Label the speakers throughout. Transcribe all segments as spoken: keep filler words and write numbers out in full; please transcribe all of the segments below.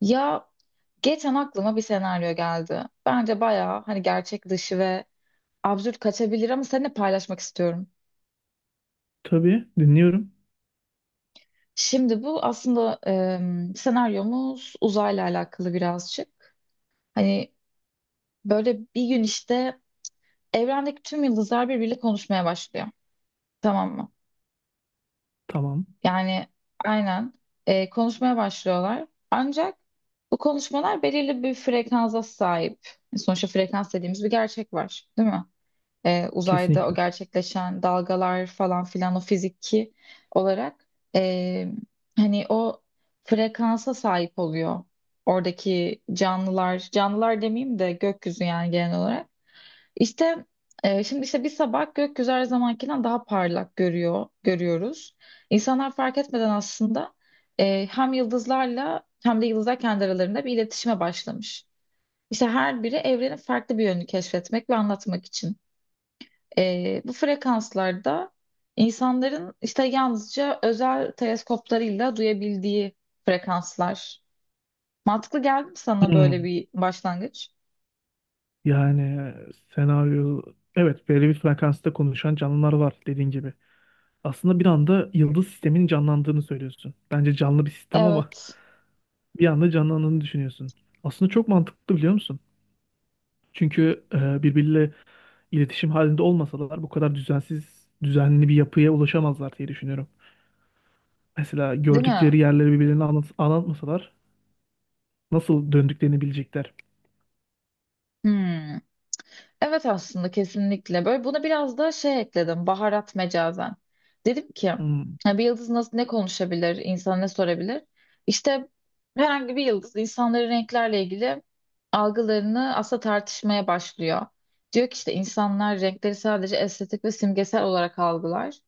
Speaker 1: Ya geçen aklıma bir senaryo geldi. Bence bayağı hani gerçek dışı ve absürt kaçabilir ama seninle paylaşmak istiyorum.
Speaker 2: Tabii dinliyorum.
Speaker 1: Şimdi bu aslında em, senaryomuz uzayla alakalı birazcık. Hani böyle bir gün işte evrendeki tüm yıldızlar birbiriyle konuşmaya başlıyor. Tamam mı?
Speaker 2: Tamam.
Speaker 1: Yani aynen e, konuşmaya başlıyorlar. Ancak bu konuşmalar belirli bir frekansa sahip. Sonuçta frekans dediğimiz bir gerçek var, değil mi? E, uzayda o
Speaker 2: Kesinlikle.
Speaker 1: gerçekleşen dalgalar falan filan o fiziki olarak e, hani o frekansa sahip oluyor oradaki canlılar canlılar demeyeyim de gökyüzü yani genel olarak işte e, şimdi işte bir sabah gökyüzü her zamankinden daha parlak görüyor görüyoruz İnsanlar fark etmeden aslında e, hem yıldızlarla hem de yıldızlar kendi aralarında bir iletişime başlamış. İşte her biri evrenin farklı bir yönünü keşfetmek ve anlatmak için. Ee, bu frekanslarda insanların işte yalnızca özel teleskoplarıyla duyabildiği frekanslar. Mantıklı geldi mi sana böyle
Speaker 2: Hmm.
Speaker 1: bir başlangıç?
Speaker 2: Yani senaryo, evet, belli bir frekansta konuşan canlılar var dediğin gibi. Aslında bir anda yıldız sisteminin canlandığını söylüyorsun. Bence canlı bir sistem ama
Speaker 1: Evet.
Speaker 2: bir anda canlandığını düşünüyorsun. Aslında çok mantıklı, biliyor musun? Çünkü e, birbiriyle iletişim halinde olmasalar bu kadar düzensiz, düzenli bir yapıya ulaşamazlar diye düşünüyorum. Mesela
Speaker 1: Değil mi?
Speaker 2: gördükleri yerleri birbirlerine anlat anlatmasalar nasıl döndüklerini bilecekler.
Speaker 1: Hmm. Evet aslında kesinlikle. Böyle buna biraz da şey ekledim. Baharat mecazen. Dedim ki:
Speaker 2: Hmm.
Speaker 1: "Ya bir yıldız nasıl ne konuşabilir? İnsan ne sorabilir? İşte herhangi bir yıldız insanların renklerle ilgili algılarını aslında tartışmaya başlıyor. Diyor ki işte insanlar renkleri sadece estetik ve simgesel olarak algılar.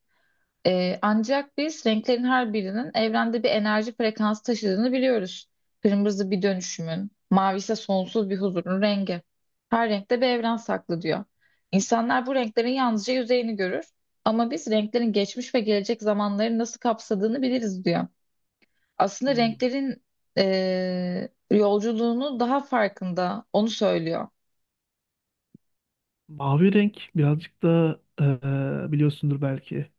Speaker 1: Ee, ancak biz renklerin her birinin evrende bir enerji frekansı taşıdığını biliyoruz. Kırmızı bir dönüşümün, mavi ise sonsuz bir huzurun rengi. Her renkte bir evren saklı diyor. İnsanlar bu renklerin yalnızca yüzeyini görür ama biz renklerin geçmiş ve gelecek zamanları nasıl kapsadığını biliriz diyor. Aslında
Speaker 2: Hmm.
Speaker 1: renklerin eee, yolculuğunu daha farkında, onu söylüyor.
Speaker 2: Mavi renk birazcık da e, biliyorsundur belki.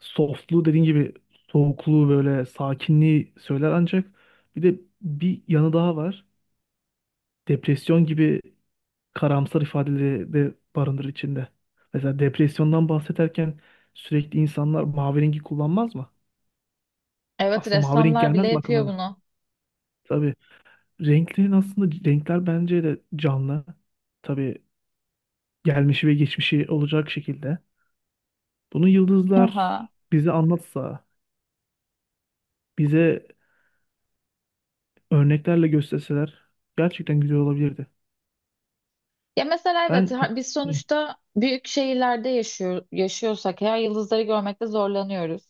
Speaker 2: Softluğu dediğin gibi soğukluğu, böyle sakinliği söyler, ancak bir de bir yanı daha var. Depresyon gibi karamsar ifadeleri de barındırır içinde. Mesela depresyondan bahsederken sürekli insanlar mavi rengi kullanmaz mı?
Speaker 1: Evet,
Speaker 2: Aslında mavi renk
Speaker 1: ressamlar bile
Speaker 2: gelmez mi
Speaker 1: yapıyor
Speaker 2: akıllarına?
Speaker 1: bunu.
Speaker 2: Tabii renklerin, aslında renkler bence de canlı. Tabii gelmişi ve geçmişi olacak şekilde. Bunu yıldızlar
Speaker 1: Haha.
Speaker 2: bize anlatsa, bize örneklerle gösterseler gerçekten güzel olabilirdi.
Speaker 1: Ya mesela evet
Speaker 2: Ben
Speaker 1: ha- biz
Speaker 2: Hı.
Speaker 1: sonuçta büyük şehirlerde yaşıyor, yaşıyorsak eğer yıldızları görmekte zorlanıyoruz.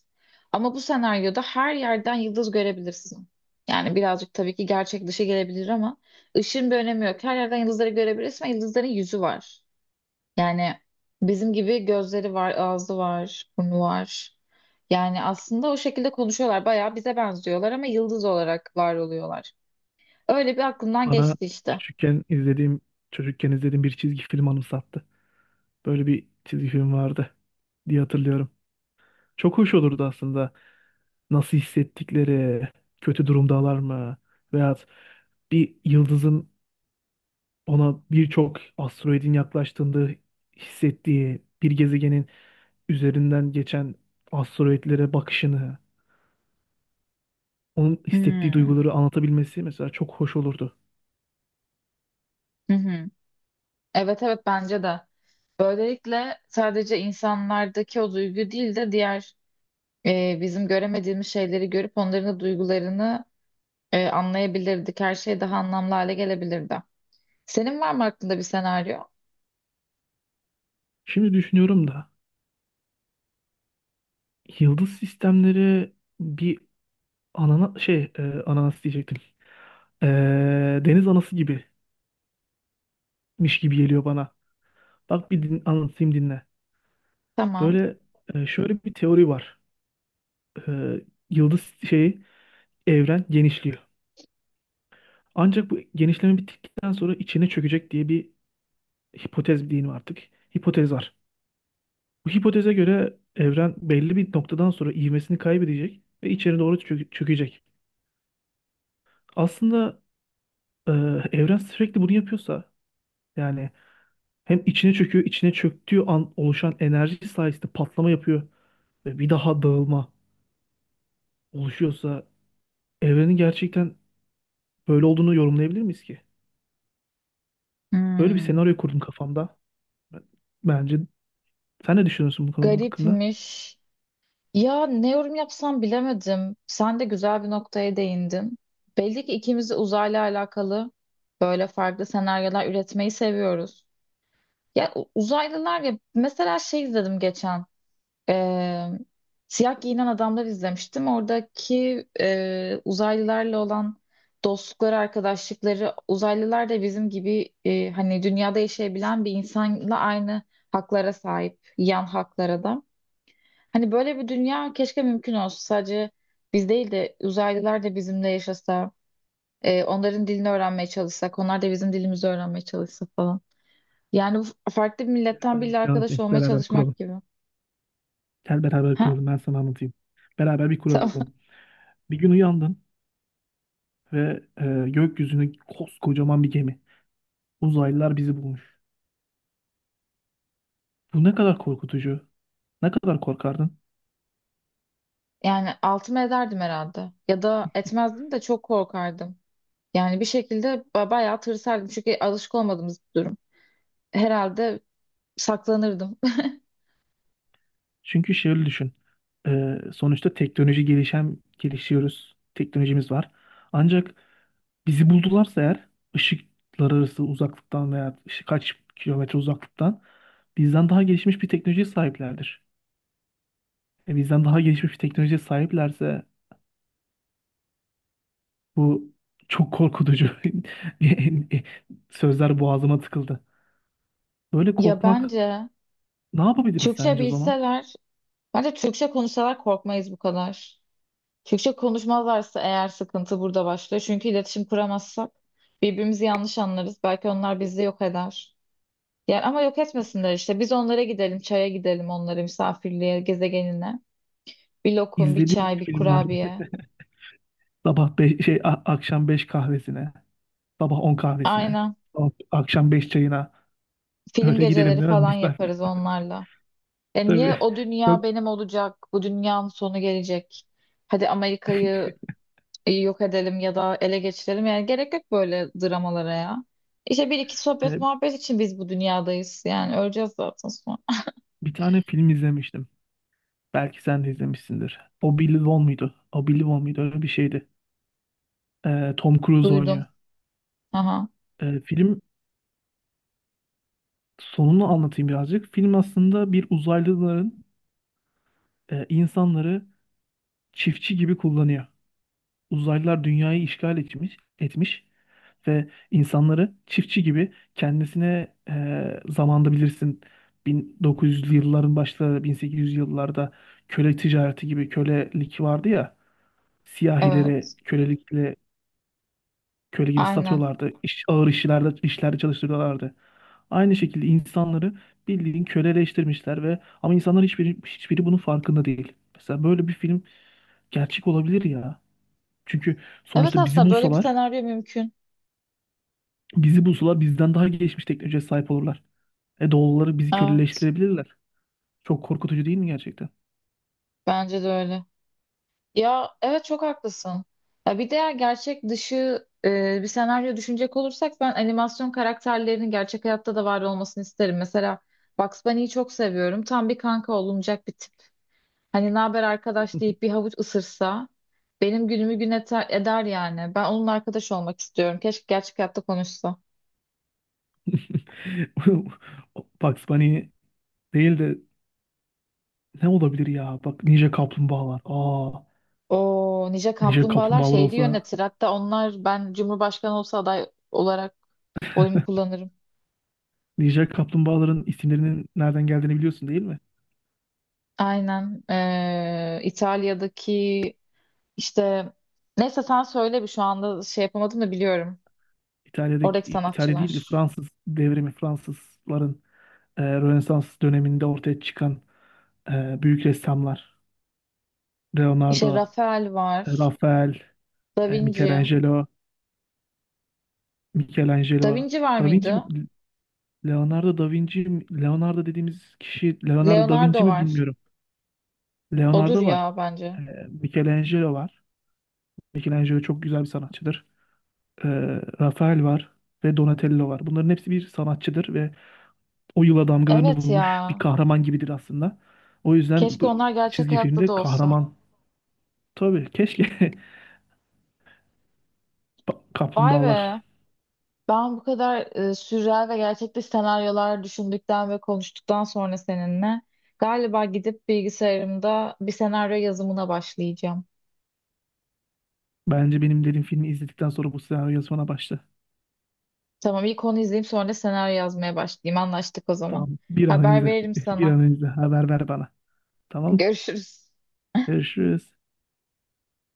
Speaker 1: Ama bu senaryoda her yerden yıldız görebilirsin. Yani birazcık tabii ki gerçek dışı gelebilir ama ışığın bir önemi yok. Her yerden yıldızları görebilirsin ve yıldızların yüzü var. Yani bizim gibi gözleri var, ağzı var, burnu var. Yani aslında o şekilde konuşuyorlar. Bayağı bize benziyorlar ama yıldız olarak var oluyorlar. Öyle bir aklımdan
Speaker 2: Bana
Speaker 1: geçti işte.
Speaker 2: küçükken izlediğim, çocukken izlediğim bir çizgi film anımsattı. Böyle bir çizgi film vardı diye hatırlıyorum. Çok hoş olurdu aslında. Nasıl hissettikleri, kötü durumdalar mı veyahut bir yıldızın ona birçok asteroidin yaklaştığında hissettiği, bir gezegenin üzerinden geçen asteroidlere bakışını, onun hissettiği
Speaker 1: Hmm.
Speaker 2: duyguları anlatabilmesi mesela çok hoş olurdu.
Speaker 1: Hı hı. Evet evet bence de. Böylelikle sadece insanlardaki o duygu değil de diğer e, bizim göremediğimiz şeyleri görüp onların da duygularını e, anlayabilirdik. Her şey daha anlamlı hale gelebilirdi. Senin var mı aklında bir senaryo?
Speaker 2: Şimdi düşünüyorum da yıldız sistemleri bir anana şey e, ananas diyecektim. E, deniz anası gibimiş gibi geliyor bana. Bak bir din, anlatayım, dinle.
Speaker 1: Tamam.
Speaker 2: Böyle e, şöyle bir teori var. E, yıldız şeyi, evren genişliyor. Ancak bu genişleme bittikten sonra içine çökecek diye bir hipotez diyeyim artık. Hipotez var. Bu hipoteze göre evren belli bir noktadan sonra ivmesini kaybedecek ve içeri doğru çö- çökecek. Aslında e, evren sürekli bunu yapıyorsa, yani hem içine çöküyor, içine çöktüğü an oluşan enerji sayesinde patlama yapıyor ve bir daha dağılma oluşuyorsa, evrenin gerçekten böyle olduğunu yorumlayabilir miyiz ki? Böyle bir
Speaker 1: Hmm,
Speaker 2: senaryo kurdum kafamda. Bence sen ne düşünüyorsun bu konu hakkında?
Speaker 1: garipmiş. Ya ne yorum yapsam bilemedim. Sen de güzel bir noktaya değindin. Belli ki ikimiz de uzayla alakalı böyle farklı senaryolar üretmeyi seviyoruz. Ya u- uzaylılar ya mesela şey izledim geçen. Ee, Siyah Giyinen Adamlar izlemiştim. Oradaki e, uzaylılarla olan dostlukları, arkadaşlıkları, uzaylılar da bizim gibi e, hani dünyada yaşayabilen bir insanla aynı haklara sahip, yan haklara da. Hani böyle bir dünya keşke mümkün olsa. Sadece biz değil de uzaylılar da bizimle yaşasa, e, onların dilini öğrenmeye çalışsak, onlar da bizim dilimizi öğrenmeye çalışsa falan. Yani bu farklı bir
Speaker 2: Gel
Speaker 1: milletten
Speaker 2: sana bir
Speaker 1: biriyle
Speaker 2: şey
Speaker 1: arkadaş
Speaker 2: anlatayım.
Speaker 1: olmaya
Speaker 2: Beraber kuralım.
Speaker 1: çalışmak gibi.
Speaker 2: Gel beraber
Speaker 1: Ha?
Speaker 2: kuralım. Ben sana anlatayım. Beraber bir
Speaker 1: Tamam.
Speaker 2: kuralım. Bir gün uyandın ve e, gökyüzüne koskocaman bir gemi. Uzaylılar bizi bulmuş. Bu ne kadar korkutucu. Ne kadar korkardın?
Speaker 1: Yani altımı ederdim herhalde. Ya da etmezdim de çok korkardım. Yani bir şekilde ba- bayağı tırsardım. Çünkü alışık olmadığımız bir durum. Herhalde saklanırdım.
Speaker 2: Çünkü şöyle düşün. Ee, sonuçta teknoloji gelişen gelişiyoruz. Teknolojimiz var. Ancak bizi buldularsa eğer, ışıklar arası uzaklıktan veya işte kaç kilometre uzaklıktan, bizden daha gelişmiş bir teknolojiye sahiplerdir. E, bizden daha gelişmiş bir teknolojiye sahiplerse bu çok korkutucu. Sözler boğazıma tıkıldı. Böyle
Speaker 1: Ya
Speaker 2: korkmak,
Speaker 1: bence
Speaker 2: ne yapabiliriz
Speaker 1: Türkçe
Speaker 2: sence o zaman?
Speaker 1: bilseler, bence Türkçe konuşsalar korkmayız bu kadar. Türkçe konuşmazlarsa eğer sıkıntı burada başlıyor. Çünkü iletişim kuramazsak birbirimizi yanlış anlarız. Belki onlar bizi yok eder. Yani ama yok etmesinler işte. Biz onlara gidelim, çaya gidelim onlara misafirliğe, gezegenine. Bir lokum, bir
Speaker 2: İzlediğim bir
Speaker 1: çay, bir
Speaker 2: film var.
Speaker 1: kurabiye.
Speaker 2: Sabah beş, şey a- akşam beş kahvesine, sabah on kahvesine,
Speaker 1: Aynen.
Speaker 2: sabah- akşam beş çayına
Speaker 1: Film
Speaker 2: öyle gidelim
Speaker 1: geceleri
Speaker 2: değil mi?
Speaker 1: falan
Speaker 2: Misafir.
Speaker 1: yaparız onlarla. E niye
Speaker 2: Tabii
Speaker 1: o dünya
Speaker 2: çok
Speaker 1: benim olacak? Bu dünyanın sonu gelecek. Hadi Amerika'yı e, yok edelim ya da ele geçirelim. Yani gerek yok böyle dramalara ya. İşte bir iki sohbet
Speaker 2: e,
Speaker 1: muhabbet için biz bu dünyadayız. Yani öleceğiz zaten sonra.
Speaker 2: bir tane film izlemiştim. Belki sen de izlemişsindir. O Billy Won muydu? O Billy Won muydu? Öyle bir şeydi. E, Tom Cruise oynuyor.
Speaker 1: Duydum. Aha.
Speaker 2: E, film sonunu anlatayım birazcık. Film aslında bir uzaylıların e, insanları çiftçi gibi kullanıyor. Uzaylılar dünyayı işgal etmiş, etmiş ve insanları çiftçi gibi kendisine e, zamanda bilirsin bin dokuz yüzlü yılların başları, bin sekiz yüz yıllarda köle ticareti gibi kölelik vardı ya, siyahilere
Speaker 1: Evet.
Speaker 2: kölelikle köle gibi
Speaker 1: Aynen.
Speaker 2: satıyorlardı. İş, ağır işlerde işlerde çalıştırıyorlardı. Aynı şekilde insanları bildiğin köleleştirmişler ve ama insanlar, hiçbiri hiçbiri bunun farkında değil. Mesela böyle bir film gerçek olabilir ya. Çünkü
Speaker 1: Evet
Speaker 2: sonuçta bizi
Speaker 1: aslında böyle bir
Speaker 2: bulsalar,
Speaker 1: senaryo mümkün.
Speaker 2: bizi bulsalar bizden daha gelişmiş teknolojiye sahip olurlar. E doğuluları bizi
Speaker 1: Evet.
Speaker 2: köleleştirebilirler. Çok korkutucu değil mi gerçekten?
Speaker 1: Bence de öyle. Ya evet çok haklısın. Ya bir de gerçek dışı e, bir senaryo düşünecek olursak ben animasyon karakterlerinin gerçek hayatta da var olmasını isterim. Mesela Bugs Bunny'yi çok seviyorum. Tam bir kanka olunacak bir tip. Hani ne haber arkadaş deyip bir havuç ısırsa benim günümü gün ete- eder yani. Ben onun arkadaş olmak istiyorum. Keşke gerçek hayatta konuşsa.
Speaker 2: Bugs Bunny değil de ne olabilir ya? Bak, Ninja Kaplumbağalar. Aa,
Speaker 1: O Ninja
Speaker 2: Ninja
Speaker 1: Kaplumbağalar
Speaker 2: Kaplumbağalar
Speaker 1: şehri
Speaker 2: olsa.
Speaker 1: yönetir. Hatta onlar ben Cumhurbaşkanı olsa aday olarak oyumu kullanırım.
Speaker 2: Ninja kaplumbağaların isimlerinin nereden geldiğini biliyorsun değil mi?
Speaker 1: Aynen. Ee, İtalya'daki işte neyse sen söyle bir şu anda şey yapamadım da biliyorum.
Speaker 2: İtalya'daki,
Speaker 1: Oradaki
Speaker 2: İtalya değil de
Speaker 1: sanatçılar.
Speaker 2: Fransız devrimi, Fransızların e, Rönesans döneminde ortaya çıkan e, büyük ressamlar.
Speaker 1: İşte
Speaker 2: Leonardo,
Speaker 1: Rafael
Speaker 2: e,
Speaker 1: var.
Speaker 2: Rafael,
Speaker 1: Da
Speaker 2: e,
Speaker 1: Vinci.
Speaker 2: Michelangelo,
Speaker 1: Da
Speaker 2: Michelangelo,
Speaker 1: Vinci var
Speaker 2: Da Vinci,
Speaker 1: mıydı?
Speaker 2: mi? Leonardo da Vinci, mi? Leonardo dediğimiz kişi Leonardo da Vinci
Speaker 1: Leonardo
Speaker 2: mi,
Speaker 1: var.
Speaker 2: bilmiyorum.
Speaker 1: Odur
Speaker 2: Leonardo var.
Speaker 1: ya bence.
Speaker 2: E, Michelangelo var. Michelangelo çok güzel bir sanatçıdır. E, Rafael var ve Donatello var. Bunların hepsi bir sanatçıdır ve o yıla damgalarını
Speaker 1: Evet
Speaker 2: vurmuş bir
Speaker 1: ya.
Speaker 2: kahraman gibidir aslında. O yüzden
Speaker 1: Keşke
Speaker 2: bu
Speaker 1: onlar gerçek
Speaker 2: çizgi
Speaker 1: hayatta da
Speaker 2: filmde
Speaker 1: olsa.
Speaker 2: kahraman, tabii keşke Pa-
Speaker 1: Vay be.
Speaker 2: Kaplumbağalar.
Speaker 1: Ben bu kadar e, sürreal ve gerçekçi senaryolar düşündükten ve konuştuktan sonra seninle galiba gidip bilgisayarımda bir senaryo yazımına başlayacağım.
Speaker 2: Bence benim dediğim filmi izledikten sonra bu senaryo yazmana başla.
Speaker 1: Tamam ilk onu izleyeyim sonra da senaryo yazmaya başlayayım. Anlaştık o zaman.
Speaker 2: Tamam. Bir an
Speaker 1: Haber
Speaker 2: önce,
Speaker 1: veririm
Speaker 2: bir
Speaker 1: sana.
Speaker 2: an önce haber ver bana. Tamam.
Speaker 1: Görüşürüz.
Speaker 2: Görüşürüz.